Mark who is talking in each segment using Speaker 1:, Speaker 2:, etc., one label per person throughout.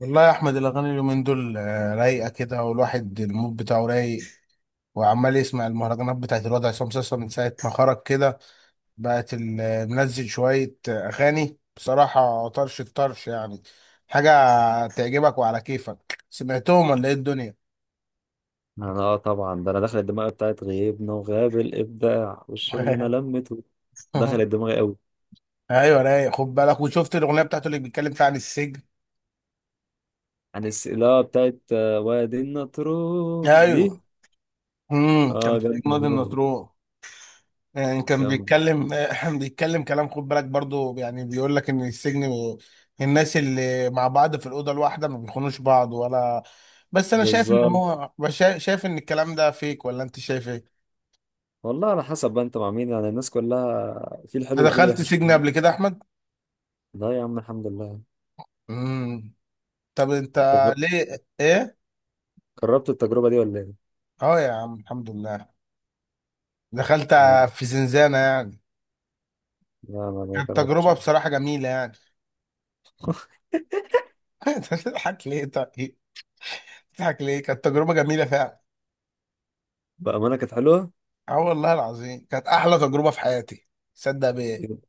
Speaker 1: والله يا احمد الاغاني اليومين دول رايقه كده، والواحد المود بتاعه رايق وعمال يسمع المهرجانات بتاعت الوضع. عصام صاصا من ساعه ما خرج كده بقت منزل شويه اغاني بصراحه، طرش الطرش. يعني حاجه تعجبك وعلى كيفك سمعتهم، ولا ايه الدنيا؟
Speaker 2: انا، طبعا ده انا دخلت دماغي بتاعت غيبنا وغاب الابداع والشغل انا لمته. دخلت دماغي قوي.
Speaker 1: ايوه رايق، خد بالك، وشفت الاغنيه بتاعته اللي بيتكلم فيها عن السجن؟
Speaker 2: عن السئلة بتاعت وادي النطرون دي.
Speaker 1: ايوه. كان
Speaker 2: اه،
Speaker 1: في
Speaker 2: جامدة
Speaker 1: نادي
Speaker 2: موت.
Speaker 1: النطرون. يعني كان
Speaker 2: جامدة.
Speaker 1: بيتكلم بيتكلم كلام، خد بالك برضو، يعني بيقول لك ان السجن الناس اللي مع بعض في الاوضه الواحده ما بيخونوش بعض ولا. بس انا شايف ان
Speaker 2: بالظبط.
Speaker 1: شايف ان الكلام ده فيك، ولا انت شايف ايه؟
Speaker 2: والله على حسب بقى انت مع مين، يعني الناس كلها في الحلو
Speaker 1: أنت
Speaker 2: وفي
Speaker 1: دخلت
Speaker 2: الوحش،
Speaker 1: سجن
Speaker 2: فاهم؟
Speaker 1: قبل كده يا احمد؟
Speaker 2: لا يا عم، الحمد لله.
Speaker 1: امم طب انت
Speaker 2: أنت جر-
Speaker 1: ليه ايه؟
Speaker 2: جربت التجربة دي ولا ايه؟
Speaker 1: اه يا عم الحمد لله، دخلت في زنزانه يعني.
Speaker 2: لا، ما
Speaker 1: كانت
Speaker 2: جربتش
Speaker 1: تجربه
Speaker 2: قبل.
Speaker 1: بصراحه جميله يعني. انت بتضحك ليه طيب؟ بتضحك ليه؟ كانت تجربه جميله فعلا.
Speaker 2: بأمانة كانت حلوة.
Speaker 1: اه والله العظيم كانت احلى تجربه في حياتي، صدق بيه.
Speaker 2: يوم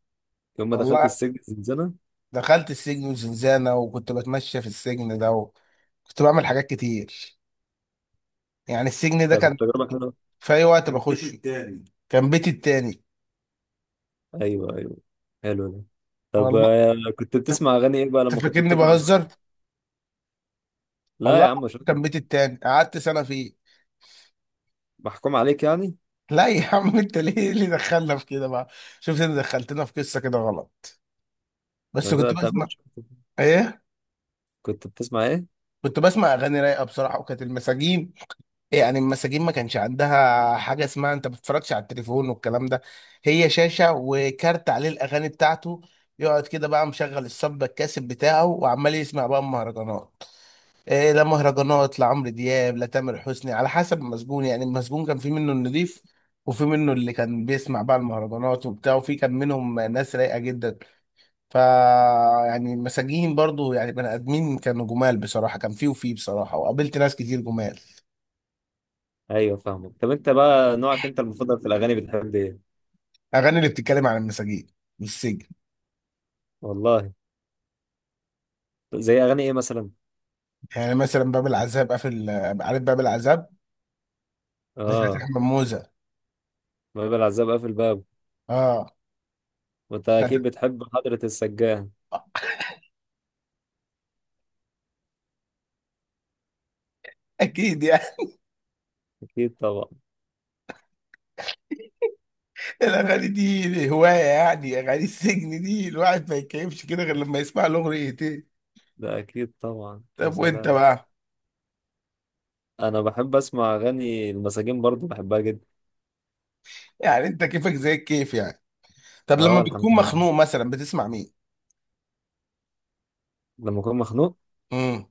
Speaker 2: يوم ما دخلت
Speaker 1: والله
Speaker 2: السجن الزنزانة.
Speaker 1: دخلت السجن وزنزانه، وكنت بتمشى في السجن ده، وكنت بعمل حاجات كتير. يعني السجن ده
Speaker 2: طب
Speaker 1: كان
Speaker 2: التجربة حلوة.
Speaker 1: في اي وقت كان بيت بخشه التاني، كان بيتي التاني.
Speaker 2: ايوه، ايوه. حلو ده. طب،
Speaker 1: والله
Speaker 2: كنت
Speaker 1: ت-
Speaker 2: بتسمع اغاني ايه بقى لما كنت
Speaker 1: تفكرني
Speaker 2: بتطلع من
Speaker 1: بهزر.
Speaker 2: السجن؟ لا
Speaker 1: والله
Speaker 2: يا عم،
Speaker 1: العظيم
Speaker 2: شكرا.
Speaker 1: كان بيتي التاني، قعدت سنه فيه.
Speaker 2: محكوم عليك يعني.
Speaker 1: لا يا عم، انت ليه إيه اللي دخلنا في كده بقى؟ شفت، انت دخلتنا في قصه كده غلط.
Speaker 2: لا،
Speaker 1: بس
Speaker 2: لا،
Speaker 1: كنت
Speaker 2: انت ما
Speaker 1: بسمع
Speaker 2: كنتش-
Speaker 1: ايه.
Speaker 2: كنت بتسمع ايه؟
Speaker 1: كنت بسمع اغاني رايقه بصراحه، وكانت المساجين يعني المساجين ما كانش عندها حاجه اسمها انت ما بتتفرجش على التليفون والكلام ده. هي شاشه وكارت عليه الاغاني بتاعته، يقعد كده بقى مشغل الصب الكاسب بتاعه وعمال يسمع بقى مهرجانات. إيه، لا مهرجانات، لا عمرو دياب، لا تامر حسني، على حسب المسجون. يعني المسجون كان في منه النضيف، وفي منه اللي كان بيسمع بقى المهرجانات وبتاع، وفي كان منهم ناس رايقه جدا. ف يعني المساجين برضو يعني بني ادمين، كانوا جمال بصراحه، كان فيه وفيه بصراحه، وقابلت ناس كتير جمال.
Speaker 2: ايوه، فاهمك. طب انت بقى، نوعك انت المفضل في الاغاني، بتحب ايه؟
Speaker 1: اغاني اللي بتتكلم عن المساجين والسجن.
Speaker 2: والله. زي اغاني ايه مثلا؟
Speaker 1: يعني مثلا باب العذاب قافل، عارف باب العذاب؟ بتاعت
Speaker 2: اه.
Speaker 1: احمد موزة.
Speaker 2: باب العزاب قافل بابه.
Speaker 1: اه
Speaker 2: وانت اكيد
Speaker 1: بتاعت-
Speaker 2: بتحب حضرة السجان.
Speaker 1: اكيد يعني.
Speaker 2: اكيد طبعا.
Speaker 1: الاغاني دي هوايه، يعني اغاني السجن دي الواحد ما يتكيفش كده غير لما يسمع الاغنيتين.
Speaker 2: ده اكيد طبعا، يا
Speaker 1: طب وانت
Speaker 2: سلام.
Speaker 1: بقى؟
Speaker 2: انا بحب اسمع اغاني المساجين برضو، بحبها جدا.
Speaker 1: يعني انت كيفك زي الكيف يعني. طب لما
Speaker 2: اه،
Speaker 1: بتكون
Speaker 2: الحمد لله.
Speaker 1: مخنوق مثلا بتسمع مين؟
Speaker 2: لما اكون مخنوق.
Speaker 1: امم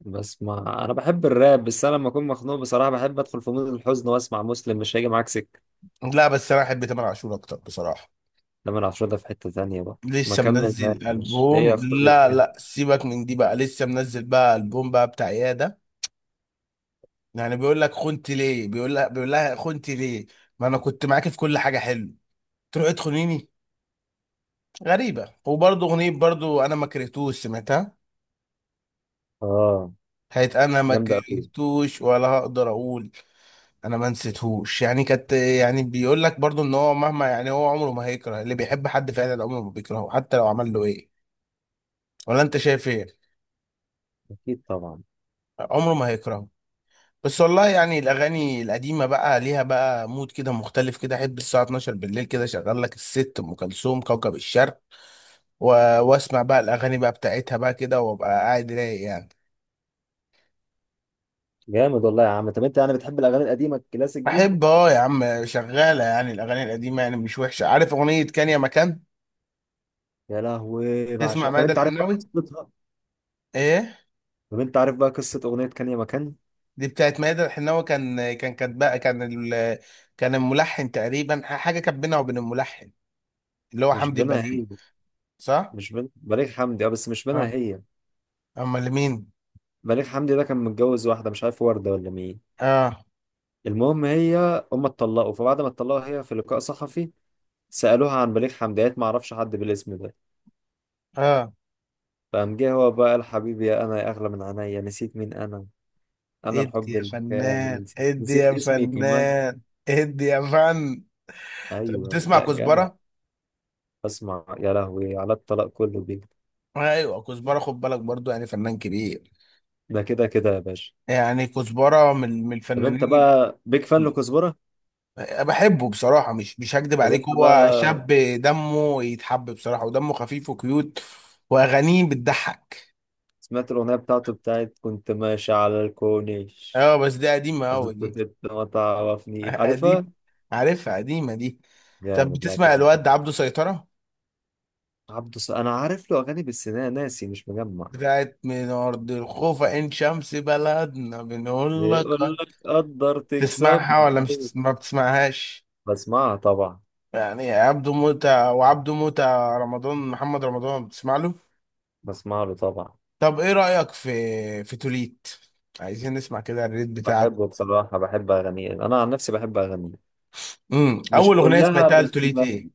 Speaker 2: بسمع، انا بحب الراب، بس انا لما اكون مخنوق بصراحه بحب ادخل في مود الحزن واسمع مسلم، مش هيجي معاك سكه.
Speaker 1: لا، بس انا احب تامر عاشور اكتر بصراحه.
Speaker 2: لما انا ده في حته ثانيه بقى. ما
Speaker 1: لسه
Speaker 2: كمل.
Speaker 1: منزل
Speaker 2: ماشي، هي
Speaker 1: البوم؟
Speaker 2: اختارت
Speaker 1: لا
Speaker 2: كده.
Speaker 1: لا، سيبك من دي بقى، لسه منزل بقى البوم بقى بتاع ايه. يعني بيقول لك خنت ليه، بيقول لها خنت ليه، ما انا كنت معاكي في كل حاجه حلو، تروحي تخونيني. غريبه، وبرضه اغنيه برضه انا ما كرهتوش، سمعتها.
Speaker 2: اه،
Speaker 1: هيت انا ما
Speaker 2: جامده قوي.
Speaker 1: كرهتوش، ولا هقدر اقول انا ما نسيتهوش. يعني كانت يعني بيقول لك برضه ان هو مهما يعني هو عمره ما هيكره اللي بيحب، حد فعلا عمره ما بيكرهه حتى لو عمل له ايه. ولا انت شايف ايه؟
Speaker 2: اكيد طبعا.
Speaker 1: عمره ما هيكرهه. بس والله يعني الاغاني القديمه بقى ليها بقى مود كده مختلف كده. احب الساعه 12 بالليل كده شغال لك الست ام كلثوم كوكب الشرق و... واسمع بقى الاغاني بقى بتاعتها بقى كده، وابقى قاعد رايق يعني.
Speaker 2: جامد والله يا عم. طب انت يعني بتحب الاغاني القديمه الكلاسيك دي؟
Speaker 1: بحب اه يا عم، شغاله يعني الاغاني القديمه، يعني مش وحشه. عارف اغنيه كان يا مكان؟
Speaker 2: يا لهوي
Speaker 1: تسمع
Speaker 2: بعشق. طب
Speaker 1: ماذا
Speaker 2: انت عارف بقى
Speaker 1: الحناوي؟
Speaker 2: قصتها؟
Speaker 1: ايه.
Speaker 2: طب انت عارف بقى قصه اغنيه كان يا مكان؟
Speaker 1: دي بتاعت ماذا الحناوي. كان ال... كان الملحن تقريبا حاجه كانت بينها وبين الملحن، اللي هو
Speaker 2: مش
Speaker 1: حمدي
Speaker 2: بينها هي.
Speaker 1: البليل. صح.
Speaker 2: مش بين بليغ حمدي، اه، بس مش بينها
Speaker 1: اه
Speaker 2: هي.
Speaker 1: امال مين.
Speaker 2: بليغ حمدي ده كان متجوز واحده مش عارف ورده ولا مين.
Speaker 1: اه.
Speaker 2: المهم، هي، هم اتطلقوا، فبعد ما اتطلقوا هي في لقاء صحفي سألوها عن بليغ حمديات ما اعرفش حد بالاسم ده.
Speaker 1: اه
Speaker 2: فقام جه هو بقى قال: حبيبي انا يا اغلى من عينيا، نسيت مين انا، انا
Speaker 1: ادي
Speaker 2: الحب
Speaker 1: يا
Speaker 2: الكامل،
Speaker 1: فنان،
Speaker 2: نسيت،
Speaker 1: ادي
Speaker 2: نسيت
Speaker 1: يا
Speaker 2: اسمي كمان.
Speaker 1: فنان، ادي يا فن. طب
Speaker 2: ايوه،
Speaker 1: بتسمع
Speaker 2: لا جامد.
Speaker 1: كزبره؟
Speaker 2: اسمع يا لهوي، على الطلاق كله بيك.
Speaker 1: ايوه كزبره، خد بالك برضو، يعني فنان كبير.
Speaker 2: ده كده كده يا باشا.
Speaker 1: يعني كزبره من
Speaker 2: طب انت
Speaker 1: الفنانين.
Speaker 2: بقى بيك فان لكزبرة؟
Speaker 1: بحبه بصراحه، مش هكدب
Speaker 2: طب
Speaker 1: عليك،
Speaker 2: انت بقى.
Speaker 1: هو شاب دمه يتحب بصراحه، ودمه خفيف وكيوت، واغانيه بتضحك.
Speaker 2: سمعت الاغنيه بتاعته، بتاعت كنت ماشي على الكورنيش؟
Speaker 1: اه بس دي قديمه
Speaker 2: قبل
Speaker 1: قوي دي.
Speaker 2: كنت ما تعرفني عارفها.
Speaker 1: دي عارفها، قديمه دي. طب
Speaker 2: جامد، لا
Speaker 1: بتسمع
Speaker 2: كده.
Speaker 1: الواد عبده سيطره؟
Speaker 2: عبده الص- انا عارف له اغاني بس انا ناسي، مش مجمع.
Speaker 1: بتاعت من ارض الخوفة ان شمس بلدنا بنقول لك
Speaker 2: بيقول لك قدر
Speaker 1: تسمعها
Speaker 2: تكسبنا،
Speaker 1: ولا مش
Speaker 2: أيوة.
Speaker 1: تسمع؟ ما بتسمعهاش؟
Speaker 2: بسمعها طبعا.
Speaker 1: يعني عبده موتة وعبده موتة. رمضان، محمد رمضان، بتسمع له؟
Speaker 2: بسمع له طبعا.
Speaker 1: طب ايه رأيك في توليت؟ عايزين نسمع كده الريت بتاعك.
Speaker 2: بحبه بصراحة، بحب اغانيه، انا عن نفسي بحب اغانيه. مش
Speaker 1: اول اغنية
Speaker 2: كلها
Speaker 1: سمعتها
Speaker 2: بس
Speaker 1: لتوليت
Speaker 2: ب-.
Speaker 1: ايه؟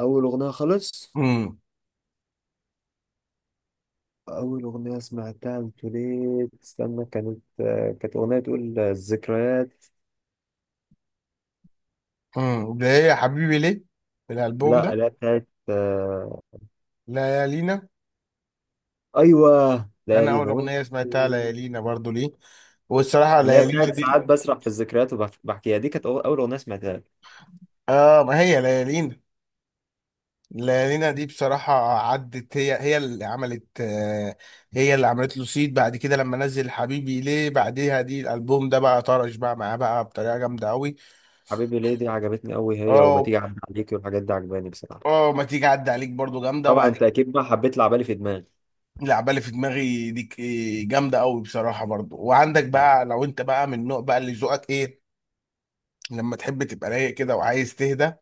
Speaker 2: اول اغنية خالص.
Speaker 1: امم
Speaker 2: اول اغنية سمعتها قلت ليه استنى، كانت، كانت اغنية تقول الذكريات.
Speaker 1: ده هي حبيبي ليه في الالبوم
Speaker 2: لا
Speaker 1: ده؟
Speaker 2: لا، بتاعت
Speaker 1: ليالينا.
Speaker 2: ايوه،
Speaker 1: انا اول
Speaker 2: ليالينا، وانت؟
Speaker 1: اغنية سمعتها ليالينا برضو، ليه. والصراحة
Speaker 2: اللي هي
Speaker 1: ليالينا
Speaker 2: بتاعت
Speaker 1: دي،
Speaker 2: ساعات بسرح في الذكريات وبحكيها، دي كانت أول أغنية سمعتها.
Speaker 1: اه، ما هي ليالينا. لينا دي بصراحة عدت، هي هي اللي عملت هي اللي عملت له سيد بعد كده لما نزل حبيبي ليه بعديها. دي الألبوم ده بقى طرش بقى معاه بقى بطريقة جامدة أوي.
Speaker 2: حبيبي ليه دي عجبتني قوي، هي وما
Speaker 1: اه.
Speaker 2: تيجي اعدي عليكي، والحاجات دي عجباني بصراحه.
Speaker 1: اه ما تيجي عدى عليك برضو جامدة.
Speaker 2: طبعا
Speaker 1: وبعد
Speaker 2: انت
Speaker 1: كده
Speaker 2: اكيد بقى حبيت لعبالي في دماغي.
Speaker 1: العبالة اللي في دماغي دي، ك- إيه، جامدة أوي بصراحة برضو. وعندك
Speaker 2: طيب.
Speaker 1: بقى لو أنت بقى من النوع بقى اللي ذوقك إيه، لما تحب تبقى رايق كده وعايز تهدى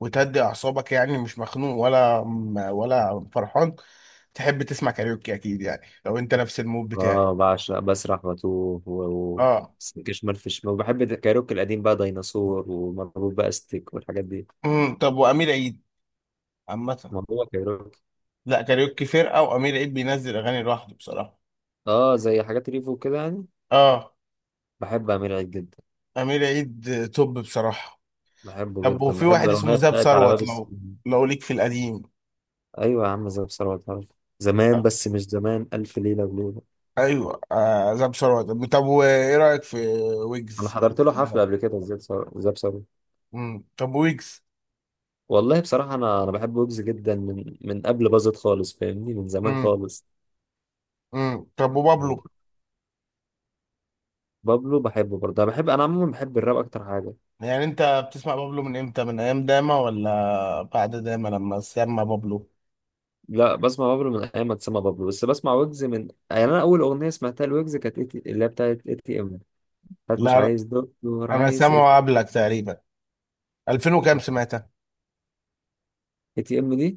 Speaker 1: وتهدي أعصابك، يعني مش مخنوق ولا ولا فرحان، تحب تسمع كاريوكي أكيد، يعني لو أنت نفس المود بتاعي.
Speaker 2: اه، بعشق بسرح واتوه و...
Speaker 1: اه.
Speaker 2: سلك شمال في شمال، وبحب الكايروكي القديم بقى، ديناصور ومربوط بقى ستيك والحاجات دي.
Speaker 1: طب وامير عيد عامه؟
Speaker 2: موضوع كايروكي.
Speaker 1: لا كاريوكي فرقه، وامير عيد بينزل اغاني لوحده بصراحه.
Speaker 2: اه، زي حاجات ريفو كده يعني.
Speaker 1: اه،
Speaker 2: بحب امير عيد جدا.
Speaker 1: امير عيد توب بصراحه.
Speaker 2: بحبه
Speaker 1: طب
Speaker 2: جدا،
Speaker 1: وفي
Speaker 2: بحب
Speaker 1: واحد
Speaker 2: الاغنيه
Speaker 1: اسمه زاب
Speaker 2: بتاعت على باب
Speaker 1: ثروت، لو
Speaker 2: السجن.
Speaker 1: ليك في القديم.
Speaker 2: ايوه يا عم، زي ثروت عارف. زمان، بس مش زمان الف ليله وليله.
Speaker 1: ايوه آه زاب ثروت. طب وايه رايك في
Speaker 2: انا
Speaker 1: ويجز؟
Speaker 2: حضرت
Speaker 1: ويجز
Speaker 2: له
Speaker 1: ده.
Speaker 2: حفله قبل كده، زي ثروت.
Speaker 1: طب ويجز.
Speaker 2: والله بصراحة، أنا بحب ويجز جدا من قبل باظت خالص، فاهمني، من زمان
Speaker 1: امم
Speaker 2: خالص.
Speaker 1: طب وبابلو؟
Speaker 2: بابلو بحبه برضه، أنا بحب، أنا عموما بحب الراب أكتر حاجة.
Speaker 1: يعني انت بتسمع بابلو من امتى؟ من ايام داما ولا بعد داما لما سمع بابلو؟
Speaker 2: لا، بسمع بابلو من أيام ما اتسمى بابلو، بس بسمع ويجز من يعني، أنا أول أغنية سمعتها لويجز كانت اللي هي بتاعت ITM. بتاعت مش
Speaker 1: لا،
Speaker 2: عايز دكتور،
Speaker 1: انا
Speaker 2: عايز اي
Speaker 1: سامعه قبلك تقريبا، 2000 وكام سمعت.
Speaker 2: تي إم دي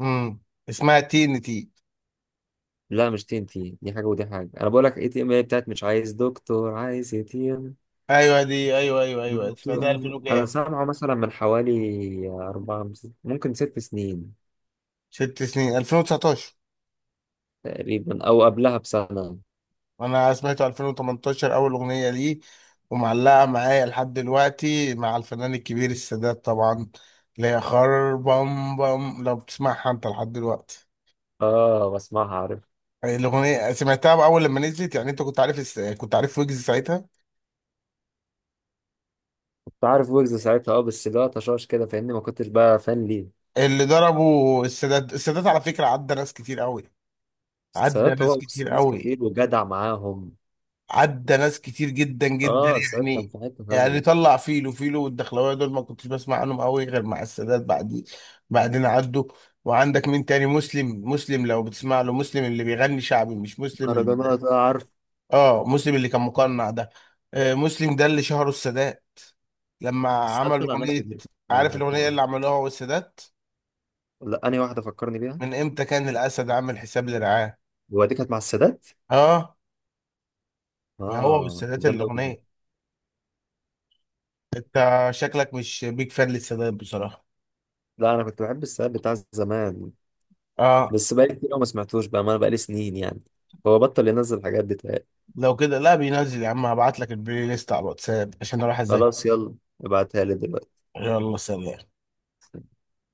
Speaker 1: امم اسمها تي ان تي.
Speaker 2: لا، مش TNT. دي حاجة ودي حاجة، أنا بقول لك ITM، هي بتاعت مش عايز دكتور عايز اي تي إم.
Speaker 1: ايوه دي، ايوه ايوه ايوه،
Speaker 2: دكتور،
Speaker 1: سمعتها 2000
Speaker 2: أنا
Speaker 1: وكام.
Speaker 2: سامعه مثلا من حوالي 4، ممكن 6 سنين،
Speaker 1: ست سنين، 2019.
Speaker 2: تقريبا أو قبلها بسنة.
Speaker 1: انا سمعته 2018 اول اغنيه ليه، ومعلقه معايا لحد دلوقتي، مع الفنان الكبير السادات طبعا، اللي هي خربم بم، لو بتسمعها انت لحد دلوقتي.
Speaker 2: اه، بسمعها عارف.
Speaker 1: الاغنيه سمعتها اول لما نزلت، يعني انت كنت عارف كنت عارف ويجز ساعتها؟
Speaker 2: كنت عارف ويجز ساعتها، اه، بس لا، طشاش كده، فاهمني، ما كنتش بقى فان ليه.
Speaker 1: اللي ضربه السادات على فكره عدى ناس كتير قوي،
Speaker 2: بس
Speaker 1: عدى
Speaker 2: سادات
Speaker 1: ناس
Speaker 2: هو بص
Speaker 1: كتير
Speaker 2: ناس
Speaker 1: قوي،
Speaker 2: كتير وجدع معاهم.
Speaker 1: عدى ناس كتير جدا جدا.
Speaker 2: اه، سادات كان
Speaker 1: يعني
Speaker 2: في حتة ثانية.
Speaker 1: يعني طلع فيلو والدخلاويه دول، ما كنتش بسمع عنهم قوي غير مع السادات، بعد بعدين عدوا. وعندك مين تاني؟ مسلم. لو بتسمع له مسلم اللي بيغني شعبي، مش مسلم اللي
Speaker 2: مهرجانات، اه، عارف.
Speaker 1: اه مسلم اللي كان مقنع ده. آه مسلم ده اللي شهره السادات لما
Speaker 2: سادات
Speaker 1: عمل
Speaker 2: طلع ناس
Speaker 1: اغنيه.
Speaker 2: كتير فعلا،
Speaker 1: عارف الاغنيه
Speaker 2: بتوع-.
Speaker 1: اللي عملوها هو والسادات؟
Speaker 2: لا، انهي واحدة فكرني بيها.
Speaker 1: من امتى كان الاسد عامل حساب لرعاه.
Speaker 2: هو دي كانت مع السادات؟
Speaker 1: اه ما هو
Speaker 2: اه،
Speaker 1: والسادات
Speaker 2: كانت جامدة أوي.
Speaker 1: الاغنيه. انت شكلك مش بيك فان للسادات بصراحه.
Speaker 2: لا، انا كنت بحب السادات بتاع زمان.
Speaker 1: اه.
Speaker 2: بس بقالي كتير أوي ما سمعتوش بقى، ما انا بقالي سنين يعني. هو بطل ينزل الحاجات دي تلاقي.
Speaker 1: لو كده، لا بينزل يا عم، هبعت لك البلاي ليست على الواتساب عشان اروح اذاكر.
Speaker 2: خلاص، يلا. ابعتها لي دلوقتي.
Speaker 1: يلا سلام.